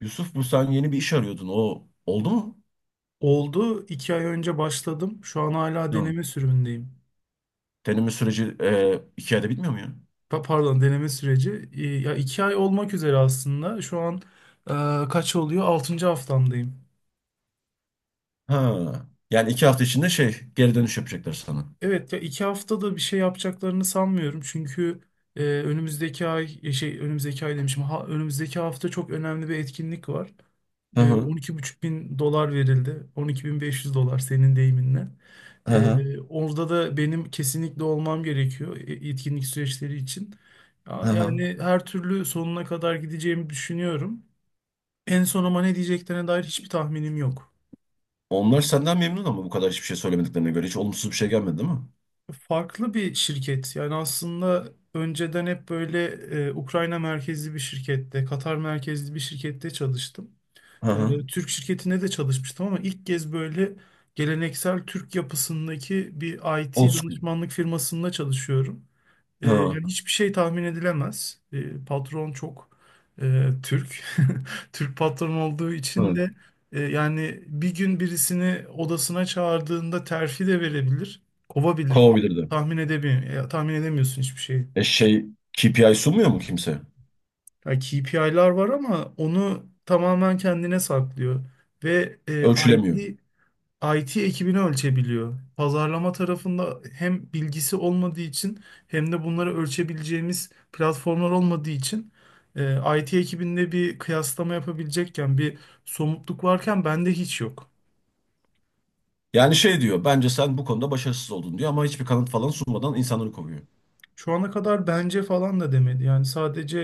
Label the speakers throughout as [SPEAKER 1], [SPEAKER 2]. [SPEAKER 1] Yusuf, bu sen yeni bir iş arıyordun. O oldu mu?
[SPEAKER 2] Oldu. 2 ay önce başladım. Şu an hala
[SPEAKER 1] Tamam.
[SPEAKER 2] deneme sürümündeyim.
[SPEAKER 1] Deneme süreci 2 ayda bitmiyor mu ya?
[SPEAKER 2] Pardon, deneme süreci. Ya 2 ay olmak üzere aslında. Şu an kaç oluyor? Altıncı haftamdayım.
[SPEAKER 1] Ha. Yani 2 hafta içinde geri dönüş yapacaklar sana.
[SPEAKER 2] Evet, ya 2 haftada bir şey yapacaklarını sanmıyorum. Çünkü önümüzdeki ay, önümüzdeki ay demişim. Ha, önümüzdeki hafta çok önemli bir etkinlik var.
[SPEAKER 1] Hı
[SPEAKER 2] E,
[SPEAKER 1] hı.
[SPEAKER 2] on iki buçuk bin dolar verildi. 12.500 dolar senin deyiminle.
[SPEAKER 1] Hı hı.
[SPEAKER 2] Orada da benim kesinlikle olmam gerekiyor etkinlik süreçleri için.
[SPEAKER 1] Hı hı.
[SPEAKER 2] Yani her türlü sonuna kadar gideceğimi düşünüyorum. En son ama ne diyeceklerine dair hiçbir tahminim yok.
[SPEAKER 1] Onlar senden memnun ama bu kadar hiçbir şey söylemediklerine göre hiç olumsuz bir şey gelmedi, değil mi?
[SPEAKER 2] Farklı bir şirket. Yani aslında önceden hep böyle Ukrayna merkezli bir şirkette, Katar merkezli bir şirkette çalıştım.
[SPEAKER 1] Hı hı.
[SPEAKER 2] Türk şirketinde de çalışmıştım ama ilk kez böyle geleneksel Türk yapısındaki bir
[SPEAKER 1] Old
[SPEAKER 2] IT
[SPEAKER 1] school.
[SPEAKER 2] danışmanlık firmasında çalışıyorum. E,
[SPEAKER 1] Hı
[SPEAKER 2] yani hiçbir şey tahmin edilemez. Patron çok Türk. Türk patron olduğu için
[SPEAKER 1] hı.
[SPEAKER 2] de yani bir gün birisini odasına çağırdığında terfi de verebilir, kovabilir.
[SPEAKER 1] Kovabilirdi.
[SPEAKER 2] Tahmin edemiyor, ya, tahmin edemiyorsun hiçbir şeyi.
[SPEAKER 1] E şey KPI sunmuyor mu kimse?
[SPEAKER 2] Ya KPI'lar var ama onu tamamen kendine saklıyor. Ve
[SPEAKER 1] Ölçülemiyor.
[SPEAKER 2] IT IT ekibini ölçebiliyor. Pazarlama tarafında hem bilgisi olmadığı için hem de bunları ölçebileceğimiz platformlar olmadığı için IT ekibinde bir kıyaslama yapabilecekken bir somutluk varken bende hiç yok.
[SPEAKER 1] Yani şey diyor, bence sen bu konuda başarısız oldun diyor ama hiçbir kanıt falan sunmadan insanları kovuyor.
[SPEAKER 2] Şu ana kadar bence falan da demedi. Yani sadece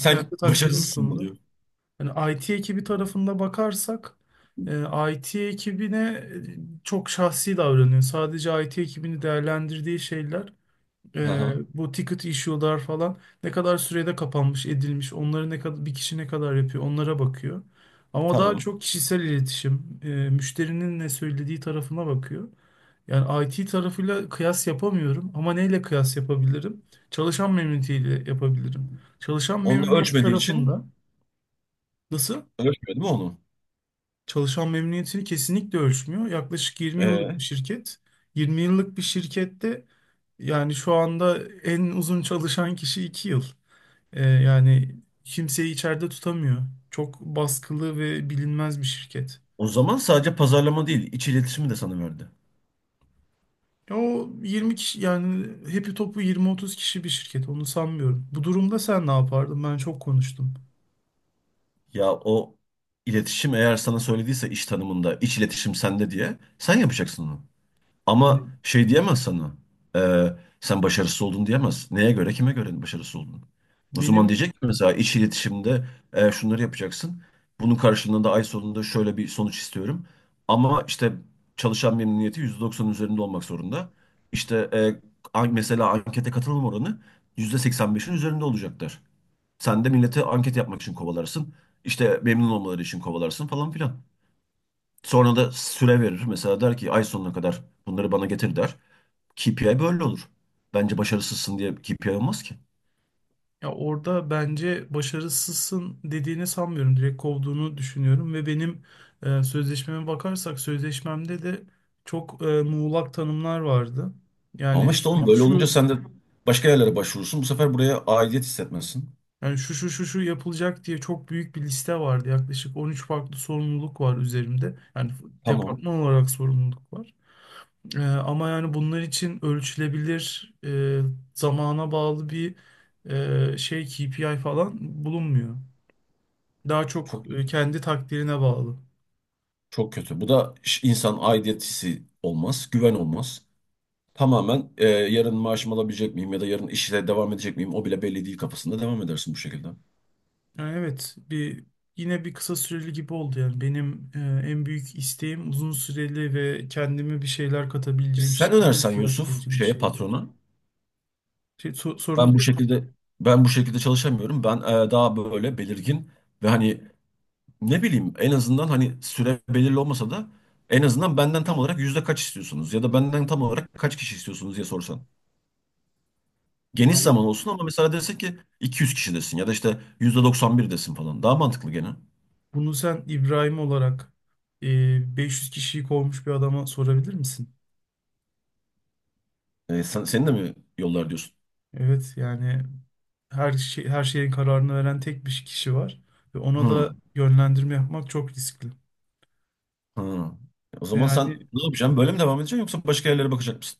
[SPEAKER 2] kendi takdirini
[SPEAKER 1] başarısızsın mı
[SPEAKER 2] sundu.
[SPEAKER 1] diyor.
[SPEAKER 2] Yani IT ekibi tarafında bakarsak IT ekibine çok şahsi davranıyor. Sadece IT ekibini değerlendirdiği şeyler.
[SPEAKER 1] Hı
[SPEAKER 2] Ee,
[SPEAKER 1] hı.
[SPEAKER 2] bu ticket issue'lar falan ne kadar sürede kapanmış, edilmiş, onları ne kadar bir kişi ne kadar yapıyor, onlara bakıyor. Ama daha
[SPEAKER 1] Tamam.
[SPEAKER 2] çok kişisel iletişim, müşterinin ne söylediği tarafına bakıyor. Yani IT tarafıyla kıyas yapamıyorum ama neyle kıyas yapabilirim? Çalışan memnuniyetiyle yapabilirim. Çalışan
[SPEAKER 1] Onu da
[SPEAKER 2] memnuniyeti
[SPEAKER 1] ölçmediği için
[SPEAKER 2] tarafında nasıl?
[SPEAKER 1] ölçmedi mi onu?
[SPEAKER 2] Çalışan memnuniyetini kesinlikle ölçmüyor. Yaklaşık 20 yıllık
[SPEAKER 1] Ee,
[SPEAKER 2] bir şirket. 20 yıllık bir şirkette yani şu anda en uzun çalışan kişi 2 yıl. Yani kimseyi içeride tutamıyor. Çok baskılı ve bilinmez bir şirket.
[SPEAKER 1] O zaman sadece pazarlama değil, iç iletişimi de sana verdi.
[SPEAKER 2] Ya o 20 kişi, yani hepi topu 20-30 kişi bir şirket, onu sanmıyorum. Bu durumda sen ne yapardın? Ben çok konuştum.
[SPEAKER 1] Ya o iletişim eğer sana söylediyse iş tanımında iç iletişim sende diye sen yapacaksın onu. Ama
[SPEAKER 2] Hani
[SPEAKER 1] şey diyemez sana. e, Sen başarısız oldun diyemez. Neye göre, kime göre başarısız oldun? O zaman
[SPEAKER 2] benim
[SPEAKER 1] diyecek ki mesela iç iletişimde şunları yapacaksın. Bunun karşılığında ay sonunda şöyle bir sonuç istiyorum. Ama işte çalışan memnuniyeti %90 üzerinde olmak zorunda. İşte mesela ankete katılım oranı %85'in üzerinde olacaklar. Sen de millete anket yapmak için kovalarsın. İşte memnun olmaları için kovalarsın falan filan. Sonra da süre verir. Mesela der ki ay sonuna kadar bunları bana getir, der. KPI böyle olur. Bence başarısızsın diye KPI olmaz ki.
[SPEAKER 2] Ya orada bence başarısızsın dediğini sanmıyorum. Direkt kovduğunu düşünüyorum ve benim sözleşmeme bakarsak sözleşmemde de çok muğlak tanımlar vardı.
[SPEAKER 1] Ama
[SPEAKER 2] Yani
[SPEAKER 1] işte
[SPEAKER 2] şu
[SPEAKER 1] oğlum
[SPEAKER 2] şu
[SPEAKER 1] böyle olunca
[SPEAKER 2] şu
[SPEAKER 1] sen de başka yerlere başvurursun. Bu sefer buraya aidiyet hissetmesin.
[SPEAKER 2] yani şu şu şu şu yapılacak diye çok büyük bir liste vardı. Yaklaşık 13 farklı sorumluluk var üzerimde. Yani
[SPEAKER 1] Tamam.
[SPEAKER 2] departman olarak sorumluluk var. Ama yani bunlar için ölçülebilir, zamana bağlı bir KPI falan bulunmuyor. Daha çok
[SPEAKER 1] Çok
[SPEAKER 2] kendi takdirine bağlı.
[SPEAKER 1] çok kötü. Bu da insan aidiyet hissi olmaz. Güven olmaz. Tamamen yarın maaşımı alabilecek miyim ya da yarın işle devam edecek miyim, o bile belli değil kafasında devam edersin bu şekilde.
[SPEAKER 2] Yani evet, yine bir kısa süreli gibi oldu yani. Benim en büyük isteğim uzun süreli ve kendime bir şeyler
[SPEAKER 1] E,
[SPEAKER 2] katabileceğim,
[SPEAKER 1] sen
[SPEAKER 2] şirketime
[SPEAKER 1] önersen
[SPEAKER 2] bir şeyler
[SPEAKER 1] Yusuf,
[SPEAKER 2] katabileceğim bir
[SPEAKER 1] şeye,
[SPEAKER 2] şeydi.
[SPEAKER 1] patrona.
[SPEAKER 2] Şey, so-
[SPEAKER 1] Ben
[SPEAKER 2] sorunu
[SPEAKER 1] bu
[SPEAKER 2] diyorum
[SPEAKER 1] şekilde ben bu şekilde çalışamıyorum. Ben daha böyle belirgin ve hani ne bileyim, en azından hani süre belirli olmasa da en azından benden tam olarak yüzde kaç istiyorsunuz ya da benden tam olarak kaç kişi istiyorsunuz diye sorsan. Geniş
[SPEAKER 2] ama
[SPEAKER 1] zaman olsun ama mesela desek ki 200 kişi desin ya da işte %91 desin falan. Daha mantıklı gene.
[SPEAKER 2] bunu sen İbrahim olarak 500 kişiyi kovmuş bir adama sorabilir misin?
[SPEAKER 1] E, senin de mi yollar diyorsun?
[SPEAKER 2] Evet yani her şey, her şeyin kararını veren tek bir kişi var ve ona da
[SPEAKER 1] Hı,
[SPEAKER 2] yönlendirme yapmak çok riskli.
[SPEAKER 1] hı. O
[SPEAKER 2] Ve
[SPEAKER 1] zaman sen
[SPEAKER 2] yani
[SPEAKER 1] ne yapacaksın? Böyle mi devam edeceksin yoksa başka yerlere bakacak mısın?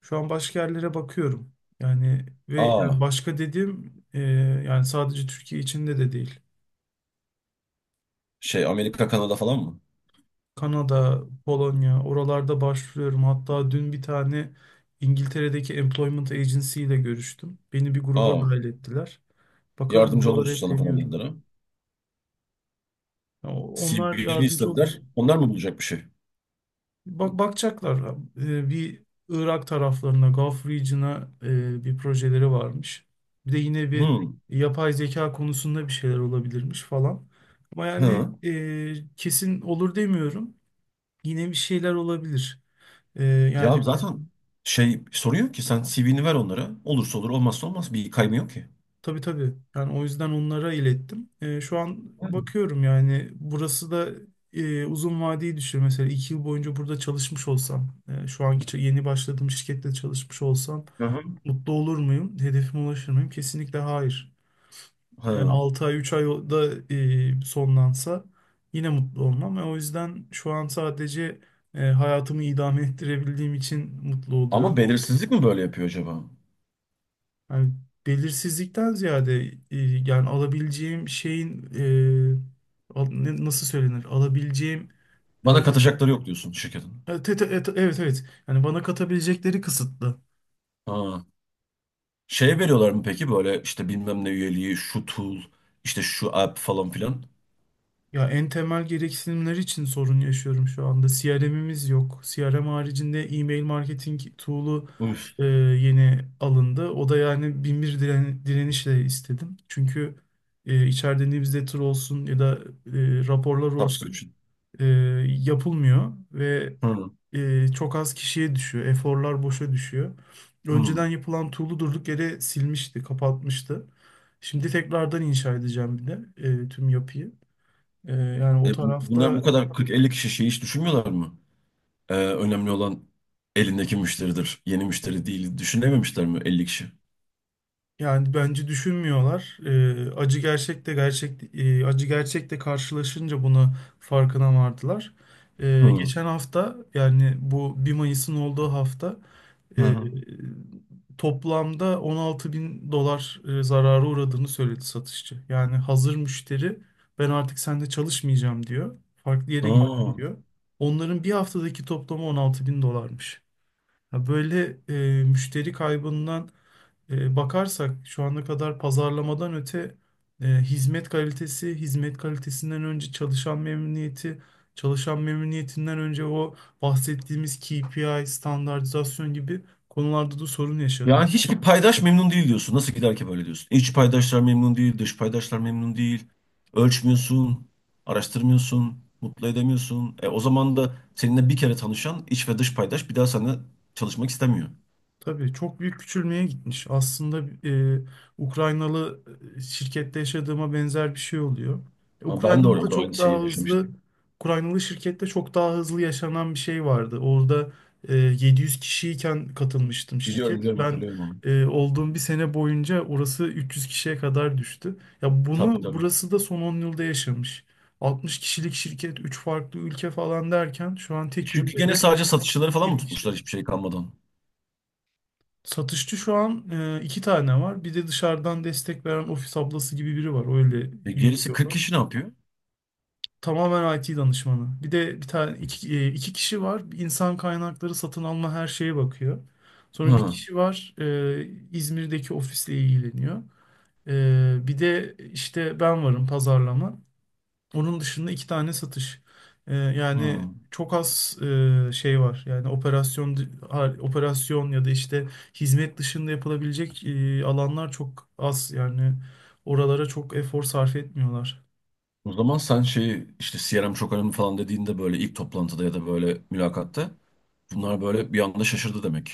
[SPEAKER 2] şu an başka yerlere bakıyorum. Yani ve
[SPEAKER 1] Aa,
[SPEAKER 2] yani başka dediğim, yani sadece Türkiye içinde de değil.
[SPEAKER 1] Amerika, Kanada falan mı?
[SPEAKER 2] Kanada, Polonya, oralarda başvuruyorum. Hatta dün bir tane İngiltere'deki Employment Agency ile görüştüm. Beni bir gruba
[SPEAKER 1] Aa,
[SPEAKER 2] dahil ettiler. Bakalım,
[SPEAKER 1] yardımcı
[SPEAKER 2] buralara
[SPEAKER 1] oluruz
[SPEAKER 2] hep
[SPEAKER 1] sana falan dediler
[SPEAKER 2] deniyorum.
[SPEAKER 1] ha.
[SPEAKER 2] Onlar
[SPEAKER 1] CV'ni
[SPEAKER 2] yardımcı olacak.
[SPEAKER 1] istediler. Onlar mı bulacak bir şey?
[SPEAKER 2] Bak, bakacaklar. Bir Irak taraflarına, Gulf Region'a bir projeleri varmış. Bir de yine bir
[SPEAKER 1] Hmm.
[SPEAKER 2] yapay zeka konusunda bir şeyler olabilirmiş falan. Ama yani
[SPEAKER 1] Hı.
[SPEAKER 2] kesin olur demiyorum. Yine bir şeyler olabilir. E,
[SPEAKER 1] Ya
[SPEAKER 2] yani
[SPEAKER 1] zaten şey soruyor ki sen CV'ni ver onlara. Olursa olur, olmazsa olmaz. Bir kaymıyor ki.
[SPEAKER 2] tabii tabii. Yani o yüzden onlara ilettim. Şu an bakıyorum, yani burası da uzun vadeyi düşün. Mesela 2 yıl boyunca burada çalışmış olsam, şu anki yeni başladığım şirkette çalışmış olsam
[SPEAKER 1] Hı hı.
[SPEAKER 2] mutlu olur muyum? Hedefime ulaşır mıyım? Kesinlikle hayır. Yani
[SPEAKER 1] Hı.
[SPEAKER 2] 6 ay 3 ayda sonlansa yine mutlu olmam. Ve o yüzden şu an sadece hayatımı idame ettirebildiğim için mutlu
[SPEAKER 1] Ama
[SPEAKER 2] oluyorum.
[SPEAKER 1] belirsizlik mi böyle yapıyor acaba?
[SPEAKER 2] Yani belirsizlikten ziyade yani alabileceğim şeyin, nasıl söylenir? Alabileceğim
[SPEAKER 1] Bana
[SPEAKER 2] e,
[SPEAKER 1] katacakları yok diyorsun şirketin.
[SPEAKER 2] evet, evet evet. Evet. Yani bana katabilecekleri kısıtlı.
[SPEAKER 1] Ha. Şeye veriyorlar mı peki, böyle işte bilmem ne üyeliği, şu tool, işte şu app falan filan.
[SPEAKER 2] Ya en temel gereksinimler için sorun yaşıyorum şu anda. CRM'imiz yok. CRM haricinde e-mail marketing tool'u
[SPEAKER 1] Üf.
[SPEAKER 2] yeni alındı. O da yani bin bir direnişle istedim. Çünkü içeride newsletter olsun ya da raporlar olsun
[SPEAKER 1] Subscription.
[SPEAKER 2] e, yapılmıyor ve
[SPEAKER 1] Hı.
[SPEAKER 2] çok az kişiye düşüyor. Eforlar boşa düşüyor. Önceden
[SPEAKER 1] Hı.
[SPEAKER 2] yapılan tool'u durduk yere silmişti, kapatmıştı. Şimdi tekrardan inşa edeceğim bir de tüm yapıyı. Yani o
[SPEAKER 1] Bunlar bu
[SPEAKER 2] tarafta
[SPEAKER 1] kadar 40-50 kişi şeyi hiç düşünmüyorlar mı? Önemli olan elindeki müşteridir. Yeni müşteri değil. Düşünememişler mi 50 kişi?
[SPEAKER 2] yani bence düşünmüyorlar. Acı gerçekte karşılaşınca buna farkına vardılar. Ee,
[SPEAKER 1] Hı.
[SPEAKER 2] geçen hafta, yani bu 1 Mayıs'ın olduğu hafta,
[SPEAKER 1] Hı
[SPEAKER 2] e,
[SPEAKER 1] hı.
[SPEAKER 2] toplamda 16 bin dolar zarara uğradığını söyledi satışçı. Yani hazır müşteri, ben artık sende çalışmayacağım diyor. Farklı yere
[SPEAKER 1] Aa.
[SPEAKER 2] gittim diyor. Onların bir haftadaki toplamı 16 bin dolarmış. Ha, böyle müşteri kaybından bakarsak, şu ana kadar pazarlamadan öte hizmet kalitesi, hizmet kalitesinden önce çalışan memnuniyeti, çalışan memnuniyetinden önce o bahsettiğimiz KPI, standartizasyon gibi konularda da sorun yaşanıyor.
[SPEAKER 1] Yani hiçbir paydaş memnun değil diyorsun. Nasıl gider ki böyle diyorsun? İç paydaşlar memnun değil, dış paydaşlar memnun değil. Ölçmüyorsun, araştırmıyorsun, mutlu edemiyorsun. E, o zaman da seninle bir kere tanışan iç ve dış paydaş bir daha seninle çalışmak istemiyor.
[SPEAKER 2] Tabii çok büyük küçülmeye gitmiş. Aslında Ukraynalı şirkette yaşadığıma benzer bir şey oluyor. E,
[SPEAKER 1] Ama ben de
[SPEAKER 2] Ukraynalı da
[SPEAKER 1] orada aynı
[SPEAKER 2] çok daha
[SPEAKER 1] şeyi yaşamıştım.
[SPEAKER 2] hızlı, Ukraynalı şirkette çok daha hızlı yaşanan bir şey vardı. Orada 700 kişiyken katılmıştım
[SPEAKER 1] Biliyorum,
[SPEAKER 2] şirket.
[SPEAKER 1] biliyorum,
[SPEAKER 2] Ben
[SPEAKER 1] hatırlıyorum onu.
[SPEAKER 2] olduğum bir sene boyunca orası 300 kişiye kadar düştü. Ya bunu
[SPEAKER 1] Tabii tabii.
[SPEAKER 2] burası da son 10 yılda yaşamış. 60 kişilik şirket, 3 farklı ülke falan derken şu an
[SPEAKER 1] E,
[SPEAKER 2] tek
[SPEAKER 1] çünkü gene
[SPEAKER 2] ülkede
[SPEAKER 1] sadece satışçıları falan mı
[SPEAKER 2] 20 kişi.
[SPEAKER 1] tutmuşlar hiçbir şey kalmadan?
[SPEAKER 2] Satışçı şu an 2 tane var. Bir de dışarıdan destek veren ofis ablası gibi biri var. Öyle
[SPEAKER 1] E, gerisi 40
[SPEAKER 2] yürütüyorlar.
[SPEAKER 1] kişi ne yapıyor?
[SPEAKER 2] Tamamen IT danışmanı. Bir de bir tane iki kişi var. İnsan kaynakları, satın alma, her şeye bakıyor. Sonra bir
[SPEAKER 1] Hı.
[SPEAKER 2] kişi var, İzmir'deki ofisle ilgileniyor. Bir de işte ben varım, pazarlama. Onun dışında 2 tane satış. Ee,
[SPEAKER 1] Ha.
[SPEAKER 2] yani çok az şey var. Yani operasyon operasyon ya da işte hizmet dışında yapılabilecek alanlar çok az. Yani oralara çok efor sarf etmiyorlar.
[SPEAKER 1] O zaman sen şeyi işte CRM çok önemli falan dediğinde böyle ilk toplantıda ya da böyle mülakatta bunlar böyle bir anda şaşırdı demek.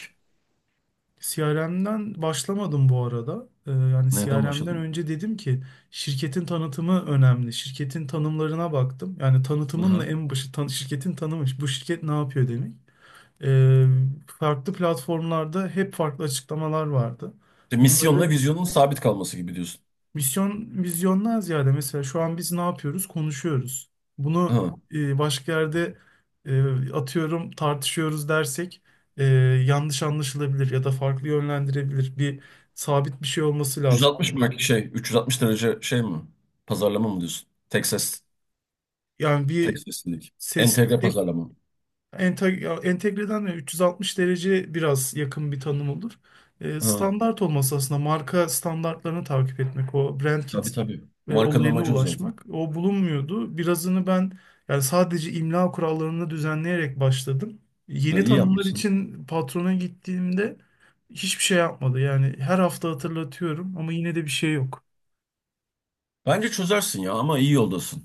[SPEAKER 2] CRM'den başlamadım bu arada. Yani
[SPEAKER 1] Neden
[SPEAKER 2] CRM'den
[SPEAKER 1] başladın?
[SPEAKER 2] önce dedim ki şirketin tanıtımı önemli. Şirketin tanımlarına baktım. Yani tanıtımın
[SPEAKER 1] Hı.
[SPEAKER 2] da en başı şirketin tanımı. Bu şirket ne yapıyor demek. Ee, farklı platformlarda hep farklı açıklamalar vardı.
[SPEAKER 1] İşte
[SPEAKER 2] Bunları
[SPEAKER 1] misyonla vizyonun sabit kalması gibi diyorsun.
[SPEAKER 2] misyon vizyondan ziyade, mesela şu an biz ne yapıyoruz? Konuşuyoruz. Bunu
[SPEAKER 1] Ha.
[SPEAKER 2] başka yerde atıyorum tartışıyoruz dersek e, yanlış anlaşılabilir ya da farklı yönlendirebilir. Bir sabit bir şey olması
[SPEAKER 1] 360
[SPEAKER 2] lazım.
[SPEAKER 1] mark şey 360 derece şey mi? Pazarlama mı diyorsun? Tek ses,
[SPEAKER 2] Yani
[SPEAKER 1] tek
[SPEAKER 2] bir
[SPEAKER 1] seslilik.
[SPEAKER 2] ses
[SPEAKER 1] Entegre pazarlama.
[SPEAKER 2] Entegreden de 360 derece biraz yakın bir tanım olur. E,
[SPEAKER 1] Ha.
[SPEAKER 2] standart olması aslında marka standartlarını takip etmek, o brand
[SPEAKER 1] Tabii
[SPEAKER 2] kit
[SPEAKER 1] tabii. Markanın
[SPEAKER 2] olayına
[SPEAKER 1] amacı o zaten.
[SPEAKER 2] ulaşmak. O bulunmuyordu. Birazını ben, yani sadece imla kurallarını düzenleyerek başladım.
[SPEAKER 1] Ya,
[SPEAKER 2] Yeni
[SPEAKER 1] iyi
[SPEAKER 2] tanımlar
[SPEAKER 1] yapmışsın.
[SPEAKER 2] için patrona gittiğimde hiçbir şey yapmadı. Yani her hafta hatırlatıyorum ama yine de bir şey yok.
[SPEAKER 1] Bence çözersin ya ama iyi yoldasın.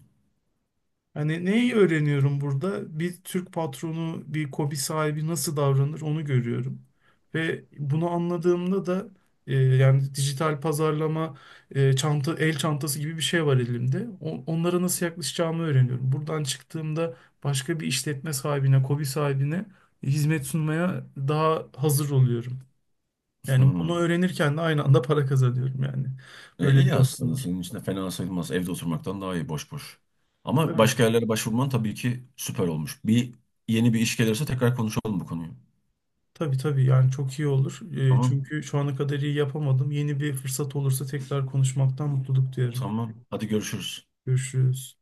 [SPEAKER 2] Hani neyi öğreniyorum burada? Bir Türk patronu, bir KOBİ sahibi nasıl davranır, onu görüyorum. Ve bunu anladığımda da yani dijital pazarlama, çanta, el çantası gibi bir şey var elimde. Onlara nasıl yaklaşacağımı öğreniyorum. Buradan çıktığımda başka bir işletme sahibine, KOBİ sahibine hizmet sunmaya daha hazır oluyorum. Yani
[SPEAKER 1] Hı.
[SPEAKER 2] bunu öğrenirken de aynı anda para kazanıyorum yani.
[SPEAKER 1] E,
[SPEAKER 2] Böyle bir
[SPEAKER 1] iyi
[SPEAKER 2] yanı da
[SPEAKER 1] aslında
[SPEAKER 2] var.
[SPEAKER 1] senin için de fena sayılmaz. Evde oturmaktan daha iyi boş boş. Ama
[SPEAKER 2] Tabii.
[SPEAKER 1] başka yerlere başvurman tabii ki süper olmuş. Yeni bir iş gelirse tekrar konuşalım bu konuyu.
[SPEAKER 2] Tabii tabii, yani çok iyi olur. Ee,
[SPEAKER 1] Tamam.
[SPEAKER 2] çünkü şu ana kadar iyi yapamadım. Yeni bir fırsat olursa tekrar konuşmaktan mutluluk duyarım.
[SPEAKER 1] Tamam. Hadi görüşürüz.
[SPEAKER 2] Görüşürüz.